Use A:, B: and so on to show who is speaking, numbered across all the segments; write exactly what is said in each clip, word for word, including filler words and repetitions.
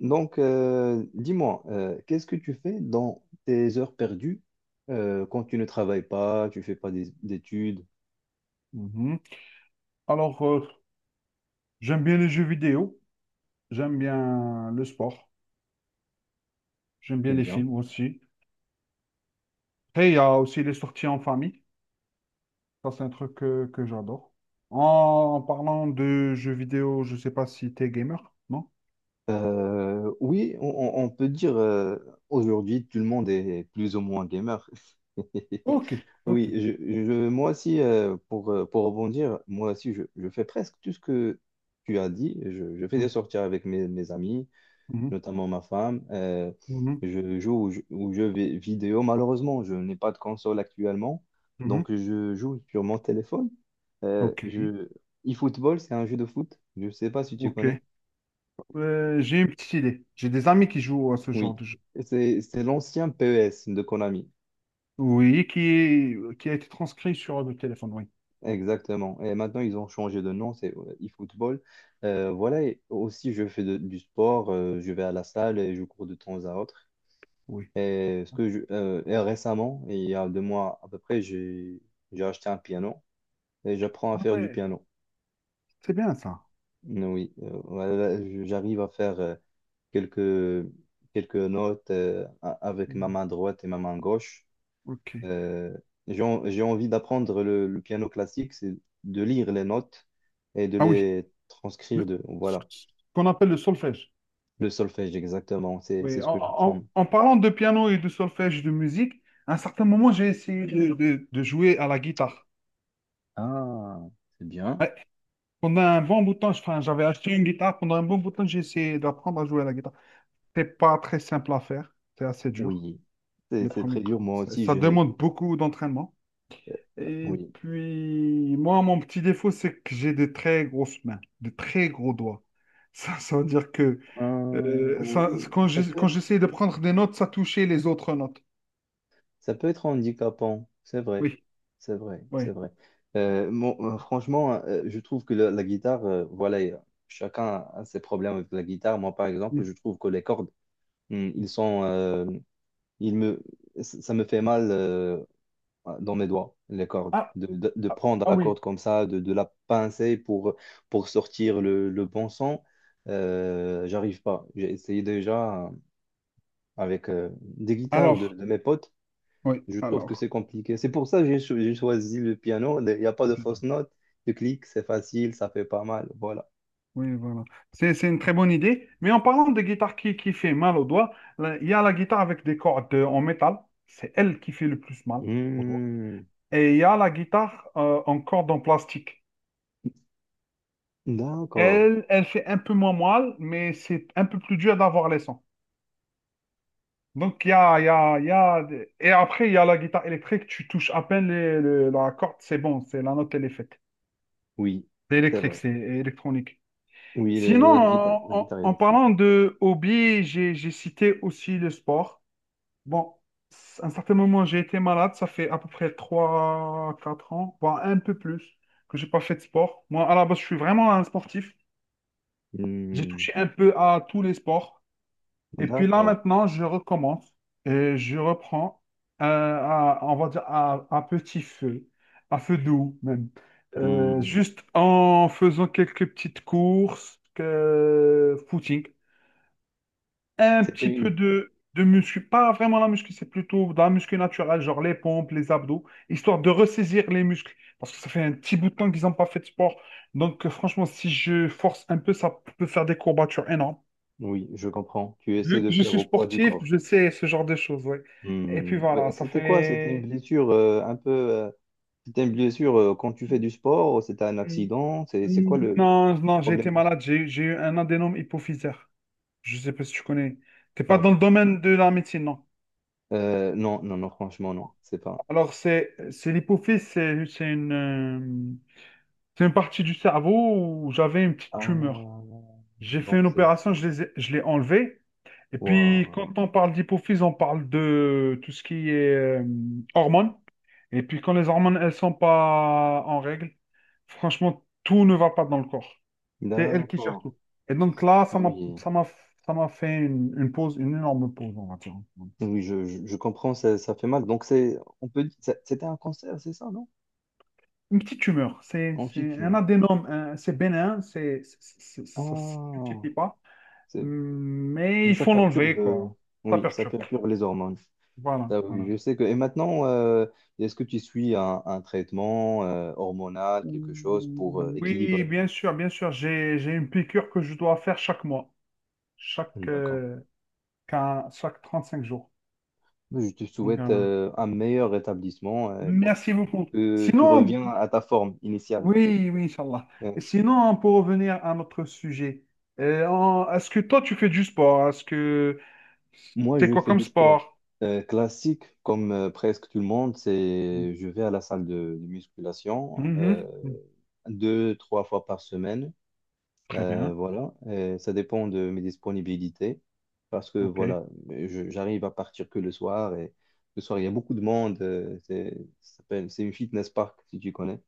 A: Donc, euh, dis-moi, euh, qu'est-ce que tu fais dans tes heures perdues euh, quand tu ne travailles pas, tu fais pas des- d'études?
B: Mhm. Alors, euh, j'aime bien les jeux vidéo, j'aime bien le sport, j'aime
A: Eh
B: bien les
A: bien,
B: films aussi. Après, il y a aussi les sorties en famille. Ça, c'est un truc que, que j'adore. En, parlant de jeux vidéo, je ne sais pas si tu es gamer, non?
A: euh, oui, on, on- on peut dire euh, aujourd'hui tout le monde est plus ou moins gamer.
B: Ok, ok.
A: Oui, je, je- moi aussi, euh, pour, euh, pour rebondir, moi aussi, je, je fais presque tout ce que tu as dit. Je, je fais des
B: Mhm,
A: sorties avec mes, mes amis.
B: mhm,
A: Notamment ma femme. Euh,
B: mhm,
A: je joue aux jeux aux jeux vi- vidéo. Malheureusement, je n'ai pas de console actuellement,
B: mhm.
A: donc je joue sur mon téléphone. Euh,
B: Ok,
A: je... eFootball, c'est un jeu de foot. Je ne sais pas si tu
B: ok.
A: connais.
B: Euh, j'ai une petite idée. J'ai des amis qui jouent à ce genre
A: Oui,
B: de jeu.
A: c'est c'est l'ancien P E S de Konami.
B: Oui, qui, est- qui a été transcrit sur le téléphone, oui.
A: Exactement. Et maintenant, ils ont changé de nom, c'est euh, eFootball. Euh, voilà, et aussi, je fais de- du sport, euh, je vais à la salle et je cours de temps à autre.
B: Oui.
A: Et, ce que je- euh, et récemment, il y a deux mois à peu près, j'ai j'ai acheté un piano et j'apprends à
B: Ah
A: faire du
B: ouais,
A: piano.
B: c'est bien ça.
A: Oui, euh, voilà, je- j'arrive à faire euh, quelques, quelques notes euh, a- avec ma
B: Mhm.
A: main droite et ma main gauche.
B: Ok.
A: Euh, j'ai en- j'ai envie d'apprendre le, le piano classique, c'est de lire les notes et de
B: Ah oui,
A: les transcrire
B: le-
A: de,
B: ce
A: voilà,
B: qu'on appelle le solfège.
A: le solfège exactement, c'est
B: Oui,
A: c'est
B: en,
A: ce que
B: en-
A: j'apprends.
B: en parlant de piano et de solfège de musique, à un certain moment, j'ai essayé de, de- de jouer à la guitare.
A: Ah, c'est bien.
B: Ouais. Pendant un bon bout de temps, je- enfin, j'avais acheté une guitare. Pendant un bon bout de temps, j'ai essayé d'apprendre à jouer à la guitare. C'est pas très simple à faire. C'est assez dur.
A: Oui, c'est
B: Les
A: c'est très
B: premiers...
A: dur. Moi
B: ça,
A: aussi,
B: ça
A: j'ai...
B: demande beaucoup d'entraînement. Et
A: Oui.
B: puis, moi, mon petit défaut, c'est que j'ai des très grosses mains, des très gros doigts. Ça, ça veut dire que...
A: Euh,
B: Euh, ça,
A: oui,
B: quand
A: ça
B: je-
A: peut
B: quand
A: être,
B: j'essayais de prendre des notes, ça touchait les autres notes.
A: ça peut être handicapant, c'est vrai,
B: Oui,
A: c'est vrai,
B: oui,
A: c'est vrai. Euh, mon- euh, franchement, euh, je trouve que la, la guitare, euh, voilà, euh, chacun a a ses problèmes avec la guitare. Moi, par exemple,
B: oui.
A: je trouve que les cordes, hum, ils sont, euh, ils me, ça ça me fait mal euh, dans mes doigts, les cordes,
B: Ah,
A: de, de, de
B: ah,
A: prendre
B: ah
A: la
B: oui.
A: corde comme ça, de, de la pincer pour, pour sortir le, le bon son. Euh, j'arrive pas. J'ai essayé déjà. avec euh, des guitares de,
B: Alors,
A: de mes potes,
B: oui,
A: je trouve que
B: alors.
A: c'est compliqué. C'est pour ça que j'ai cho- j'ai choisi le piano. Il n'y a pas de fausses notes. Tu cliques, c'est facile, ça fait pas mal. Voilà.
B: Oui, voilà. C'est, c'est une très bonne idée. Mais en parlant de guitare qui, qui fait mal aux doigts, là, il y a la guitare avec des cordes euh, en métal. C'est elle qui fait le plus mal aux doigts.
A: Hmm,
B: Et il y a la guitare euh, en corde en plastique.
A: d'accord.
B: Elle, elle fait un peu moins mal, mais c'est un peu plus dur d'avoir les sons. Donc, il y a, il y a, il y a... Et après, il y a la guitare électrique, tu touches à peine les- le- la corde, c'est bon, c'est la note, elle est faite.
A: Oui,
B: C'est
A: c'est
B: électrique,
A: vrai.
B: c'est électronique.
A: Oui, le-
B: Sinon,
A: le- la guitare,
B: en,
A: la
B: en-
A: guitare
B: en
A: électrique.
B: parlant de hobby, j'ai, j'ai cité aussi le sport. Bon, à un certain moment, j'ai été malade, ça fait à peu près trois quatre ans, voire un peu plus, que j'ai pas fait de sport. Moi, à la base, je suis vraiment un sportif. J'ai
A: Oui.
B: touché un peu à tous les sports.
A: Hmm,
B: Et puis là,
A: d'accord.
B: maintenant, je recommence et je reprends, euh, à, on va dire, à, à petit feu, à feu doux même. Euh,
A: Hmm,
B: juste en faisant quelques petites courses, que, footing, un
A: c'était
B: petit peu
A: une...
B: de, de muscu, pas vraiment la muscu, c'est plutôt de la muscu naturelle, genre les pompes, les abdos, histoire de ressaisir les muscles. Parce que ça fait un petit bout de temps qu'ils n'ont pas fait de sport. Donc, euh, franchement, si je force un peu, ça peut faire des courbatures énormes.
A: Oui, je comprends. Tu essaies
B: Vu
A: de
B: que je
A: faire
B: suis
A: au poids du
B: sportif,
A: corps.
B: je sais ce genre de choses, ouais. Et puis
A: Hmm, ouais,
B: voilà, ça
A: c'était quoi? C'était une
B: fait...
A: blessure euh, un peu... euh, C'était une blessure euh, quand tu fais du sport, c'était un
B: Hmm,
A: accident, c'est c'est quoi le le
B: Non, non, j'ai été
A: problème?
B: malade, j'ai j'ai eu un adénome hypophysaire. Je sais pas si tu connais. T'es pas
A: Paf.
B: dans le domaine de la médecine, non.
A: Euh, non, non, non, franchement, non. C'est pas.
B: Alors, c'est c'est l'hypophyse, c'est c'est une, euh, c'est une partie du cerveau où j'avais une petite tumeur.
A: Ah,
B: J'ai fait
A: donc
B: une
A: c'est.
B: opération, je les ai- je l'ai enlevée. Et puis,
A: Waouh.
B: quand on parle d'hypophyse, on parle de tout ce qui est euh, hormones. Et puis, quand les hormones, elles sont pas en règle, franchement, tout ne va pas dans le corps. C'est elles qui gèrent
A: D'accord.
B: tout. Et donc là, ça
A: Ah
B: m'a,
A: oui.
B: ça m'a, ça m'a fait une, une pause, une énorme pause, on va dire.
A: Oui, je, je, je comprends, ça, ça fait mal. Donc c'est. On peut dire. ça- C'était un cancer, c'est ça, non?
B: Une petite tumeur. C'est,
A: Ensuite,
B: c'est
A: tu
B: un
A: meurs.
B: adénome, un- c'est bénin, c'est, c'est- c'est- ça se
A: Ah.
B: multiplie pas.
A: C'est...
B: Mais
A: Mais
B: il
A: ça
B: faut l'enlever,
A: perturbe. euh,
B: quoi. Ça
A: Oui, ça
B: perturbe.
A: perturbe les hormones.
B: Voilà,
A: Ah oui,
B: voilà.
A: je sais que. Et maintenant, euh, est-ce que tu suis un, un traitement euh, hormonal, quelque chose pour euh,
B: Oui,
A: équilibrer?
B: bien sûr, bien sûr. J'ai, j'ai une piqûre que je dois faire chaque mois, chaque,
A: D'accord.
B: euh, quin- chaque cinq jours.
A: Je te
B: Donc,
A: souhaite
B: voilà.
A: euh, un meilleur rétablissement euh, pour-
B: Merci beaucoup.
A: que tu
B: Sinon,
A: reviens à ta forme initiale.
B: oui, oui, Inch'Allah.
A: Euh,
B: Et sinon, pour revenir à notre sujet, euh, en- est-ce que toi, tu fais du sport? Est-ce que
A: Moi,
B: c'est
A: je
B: quoi
A: fais
B: comme
A: du sport
B: sport?
A: euh, classique, comme euh, presque tout le monde. C'est, je vais à la salle de, de musculation euh,
B: Mhm.
A: deux, trois fois par semaine.
B: Très
A: Euh,
B: bien,
A: voilà, Et ça dépend de mes disponibilités parce que
B: ok.
A: voilà, je- j'arrive à partir que le soir et le soir, il y a beaucoup de monde. Euh, C'est ça s'appelle- c'est une Fitness Park si tu connais.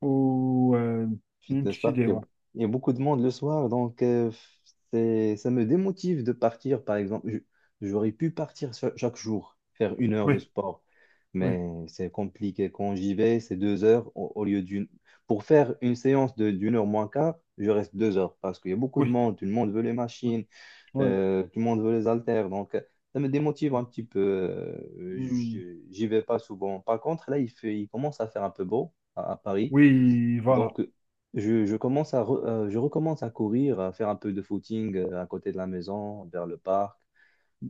B: Ou euh, une
A: Fitness
B: petite
A: Park,
B: idée,
A: il y a,
B: ouais.
A: il y a beaucoup de monde le soir, donc euh, c'est, ça me démotive de partir, par exemple. Je- J'aurais pu partir cha- chaque jour, faire une heure de
B: Oui,
A: sport,
B: oui,
A: mais c'est compliqué. Quand j'y vais, c'est deux heures au, au lieu d'une. Pour faire une séance de, d'une heure moins quart, je reste deux heures parce qu'il y a beaucoup de
B: oui,
A: monde, tout le monde veut les machines,
B: oui.
A: euh, tout le monde veut les haltères, donc euh, ça me démotive un petit peu. Euh,
B: Mm.
A: je- j'y vais pas souvent. Par contre, là, il fait, il commence à faire un peu beau à à Paris.
B: Oui, voilà.
A: Donc, je, je commence à re- euh, je recommence à courir, à faire un peu de footing euh, à côté de la maison, vers le parc.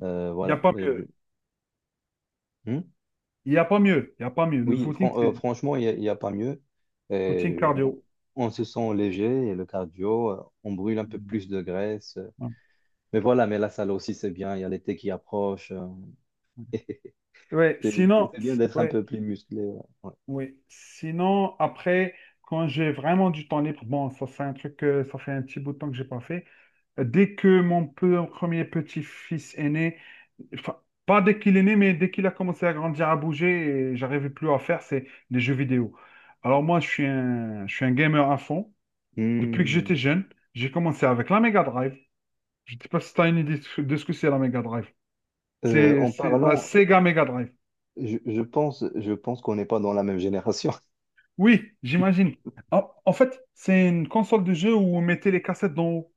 A: Euh,
B: Il n'y a
A: voilà.
B: pas
A: Euh, je-
B: mieux.
A: Hmm.
B: Il n'y a pas mieux. Il n'y a pas mieux. Le
A: Oui,
B: footing,
A: fran- euh,
B: c'est
A: franchement, il n'y a, il y a pas mieux.
B: footing
A: Et on,
B: cardio.
A: on se sent léger et le cardio, euh, on brûle un peu plus de graisse.
B: Ouais,
A: Mais voilà, mais la salle aussi, c'est bien. Il y a l'été qui approche. Euh,
B: ouais, ouais.
A: C'est c'est-
B: Sinon,
A: c'est bien
B: s-
A: d'être un
B: ouais,
A: peu plus musclé. Ouais. Ouais.
B: ouais. Sinon, après, quand j'ai vraiment du temps libre, bon, ça c'est un truc, que ça fait un petit bout de temps que j'ai pas fait. Euh, Dès que mon peu- premier petit-fils est né, enfin, pas dès qu'il est né, mais dès qu'il a commencé à grandir, à bouger, et j'arrivais plus à faire, c'est des jeux vidéo. Alors moi, je suis un, je suis un gamer à fond. Depuis que
A: Hmm.
B: j'étais jeune, j'ai commencé avec la Mega Drive. Je ne sais pas si tu as une idée de ce que c'est la Mega Drive.
A: Euh,
B: C'est
A: en
B: c'est la
A: parlant,
B: Sega Mega Drive.
A: je, je pense, Je pense qu'on n'est pas dans la même génération.
B: Oui, j'imagine. En, en fait, c'est une console de jeu où on mettait les cassettes d'en haut.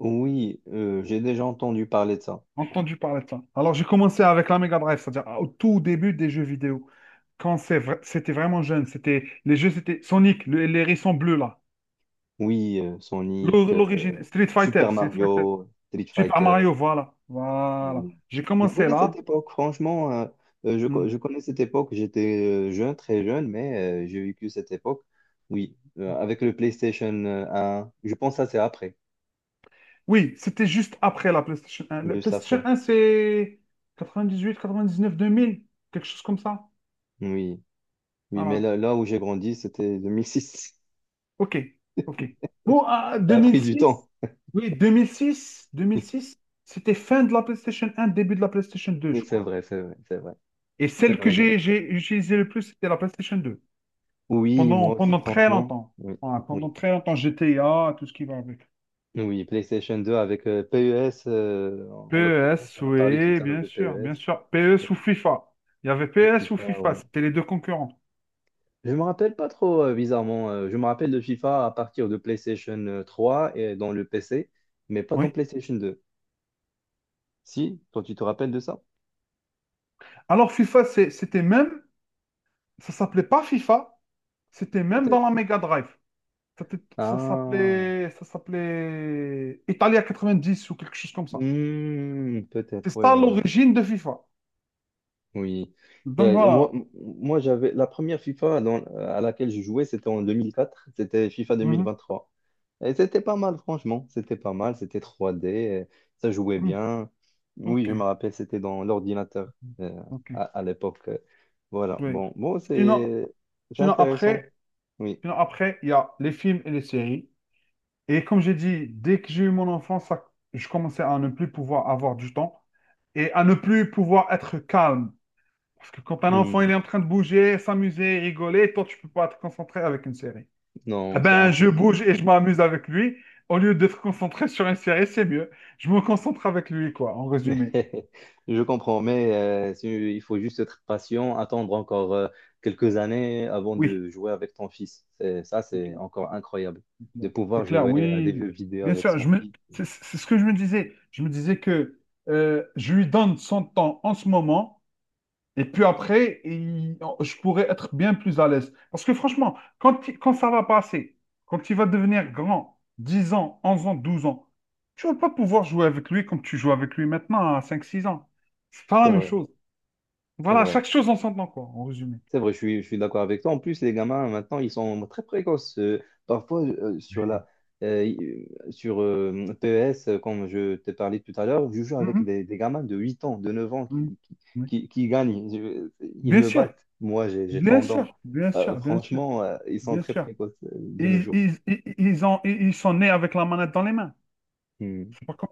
A: Oui, euh, j'ai déjà entendu parler de ça.
B: Entendu parler de ça. Alors, j'ai commencé avec la Mega Drive, c'est-à-dire au tout début des jeux vidéo. Quand c'est vra- c'était vraiment jeune, c'était les jeux, c'était Sonic, le- les hérissons bleus là.
A: Oui, euh, Sonic,
B: L'or-
A: euh,
B: L'origine, Street Fighter,
A: Super
B: Street Fighter,
A: Mario, Street
B: Super
A: Fighter.
B: Mario, voilà. Voilà.
A: euh,
B: J'ai
A: Je
B: commencé
A: connais cette
B: là.
A: époque, franchement, euh, euh, je, co-
B: Hmm.
A: je connais cette époque. J'étais euh, jeune, très jeune, mais euh, j'ai vécu cette époque. Oui, euh, avec le PlayStation euh, un. Je pense que ça, c'est après,
B: Oui, c'était juste après la PlayStation un. La
A: juste
B: PlayStation
A: après.
B: un, c'est neuf deux mille, quelque chose comme ça.
A: Oui, oui, mais
B: Voilà.
A: là, là où j'ai grandi, c'était deux mille six.
B: OK, OK. Bon, à
A: Ça
B: deux
A: a
B: mille
A: pris du temps.
B: six. Oui, deux deux mille six, deux mille six. C'était fin de la PlayStation un, début de la PlayStation deux,
A: Oui,
B: je
A: c'est
B: crois.
A: vrai, c'est vrai, c'est vrai.
B: Et
A: C'est
B: celle que
A: vrai, j'ai-
B: j'ai j'ai utilisée le plus, c'était la PlayStation deux.
A: Oui,
B: Pendant,
A: moi aussi,
B: pendant très
A: franchement.
B: longtemps.
A: Oui.
B: Voilà, pendant
A: Oui.
B: très longtemps, G T A, tout ce qui va avec.
A: Oui, PlayStation deux avec euh, P E S, euh, en en l'occurrence,
B: P E S,
A: on a parlé tout
B: oui,
A: à l'heure
B: bien
A: de
B: sûr, bien
A: P E S.
B: sûr.
A: euh,
B: PES ou FIFA. Il y avait PES ou
A: FIFA,
B: FIFA,
A: ouais.
B: c'était les deux concurrents.
A: Je me rappelle pas trop, euh, bizarrement. Euh, je me rappelle de FIFA à partir de PlayStation euh, trois et dans le P C, mais pas dans
B: Oui.
A: PlayStation deux. Si, toi, tu te rappelles de ça?
B: Alors, FIFA, c'est- c'était même, ça s'appelait pas FIFA, c'était même dans
A: Peut-être.
B: la Mega Drive. Ça t- ça
A: Ah,
B: s'appelait, ça s'appelait Italia 90 ou quelque chose comme ça.
A: Hmm, peut-être,
B: C'est
A: oui,
B: ça l'origine de FIFA.
A: oui.
B: Donc
A: Euh,
B: voilà.
A: moi, Moi, j'avais la première FIFA dans- euh, à laquelle je jouais, c'était en deux mille quatre, c'était FIFA deux mille
B: Mhm.
A: vingt-trois. Et c'était pas mal, franchement, c'était pas mal, c'était trois d euh, ça jouait
B: Mhm.
A: bien. Oui,
B: Ok,
A: je me rappelle, c'était dans l'ordinateur euh,
B: ok.
A: à, à l'époque. euh. Voilà,
B: Oui.
A: bon, bon,
B: Sinon,
A: c'est c'est
B: sinon
A: intéressant.
B: après,
A: Oui.
B: Sinon après, il y a les films et les séries. Et comme j'ai dit, dès que j'ai eu mon enfance, ça- je commençais à ne plus pouvoir avoir du temps et à ne plus pouvoir être calme. Parce que quand un enfant, il
A: Hmm.
B: est en train de bouger, s'amuser, rigoler, toi, tu peux pas te concentrer avec une série. Ah
A: Non, c'est
B: ben, je
A: impossible.
B: bouge et je m'amuse avec lui. Au lieu d'être concentré sur une série, c'est mieux. Je me concentre avec lui, quoi, en résumé.
A: Je comprends, mais euh, c'est- il faut juste être patient, attendre encore euh, quelques années avant
B: Oui,
A: de jouer avec ton fils. C'est- Ça,
B: c'est
A: c'est
B: clair,
A: encore incroyable
B: c'est
A: de
B: clair.
A: pouvoir
B: C'est clair,
A: jouer à
B: oui.
A: des jeux vidéo
B: Bien
A: avec
B: sûr,
A: son
B: je me...
A: fils.
B: c'est c'est ce que je me disais. Je me disais que euh, je lui donne son temps en ce moment. Et puis après, il- je pourrais être bien plus à l'aise. Parce que franchement, quand, il- quand ça va passer, quand il va devenir grand, dix ans, onze ans, douze ans, tu vas pas pouvoir jouer avec lui comme tu joues avec lui maintenant à cinq six ans. C'est pas la
A: C'est
B: même
A: vrai,
B: chose.
A: c'est
B: Voilà,
A: vrai.
B: chaque chose en son temps, quoi, en résumé.
A: C'est vrai, je suis, je suis d'accord avec toi. En plus, les gamins, maintenant, ils sont très précoces. Euh, parfois, euh, sur
B: Oui.
A: la, euh, sur euh, P E S, euh, comme je t'ai parlé tout à l'heure, je joue avec
B: Mhm,
A: des, des gamins de huit ans, de neuf ans qui,
B: mhm,
A: qui,
B: oui.
A: qui, qui gagnent. Je- ils
B: Bien
A: me
B: sûr,
A: battent. Moi, j'ai j'ai
B: bien
A: trente ans.
B: sûr, bien
A: Euh,
B: sûr, bien sûr,
A: franchement, euh, ils sont
B: bien
A: très
B: sûr.
A: précoces euh, de nos
B: Ils,
A: jours.
B: ils, ils, ils ont, ils ils sont nés avec la manette dans les mains.
A: Hmm.
B: C'est pas comme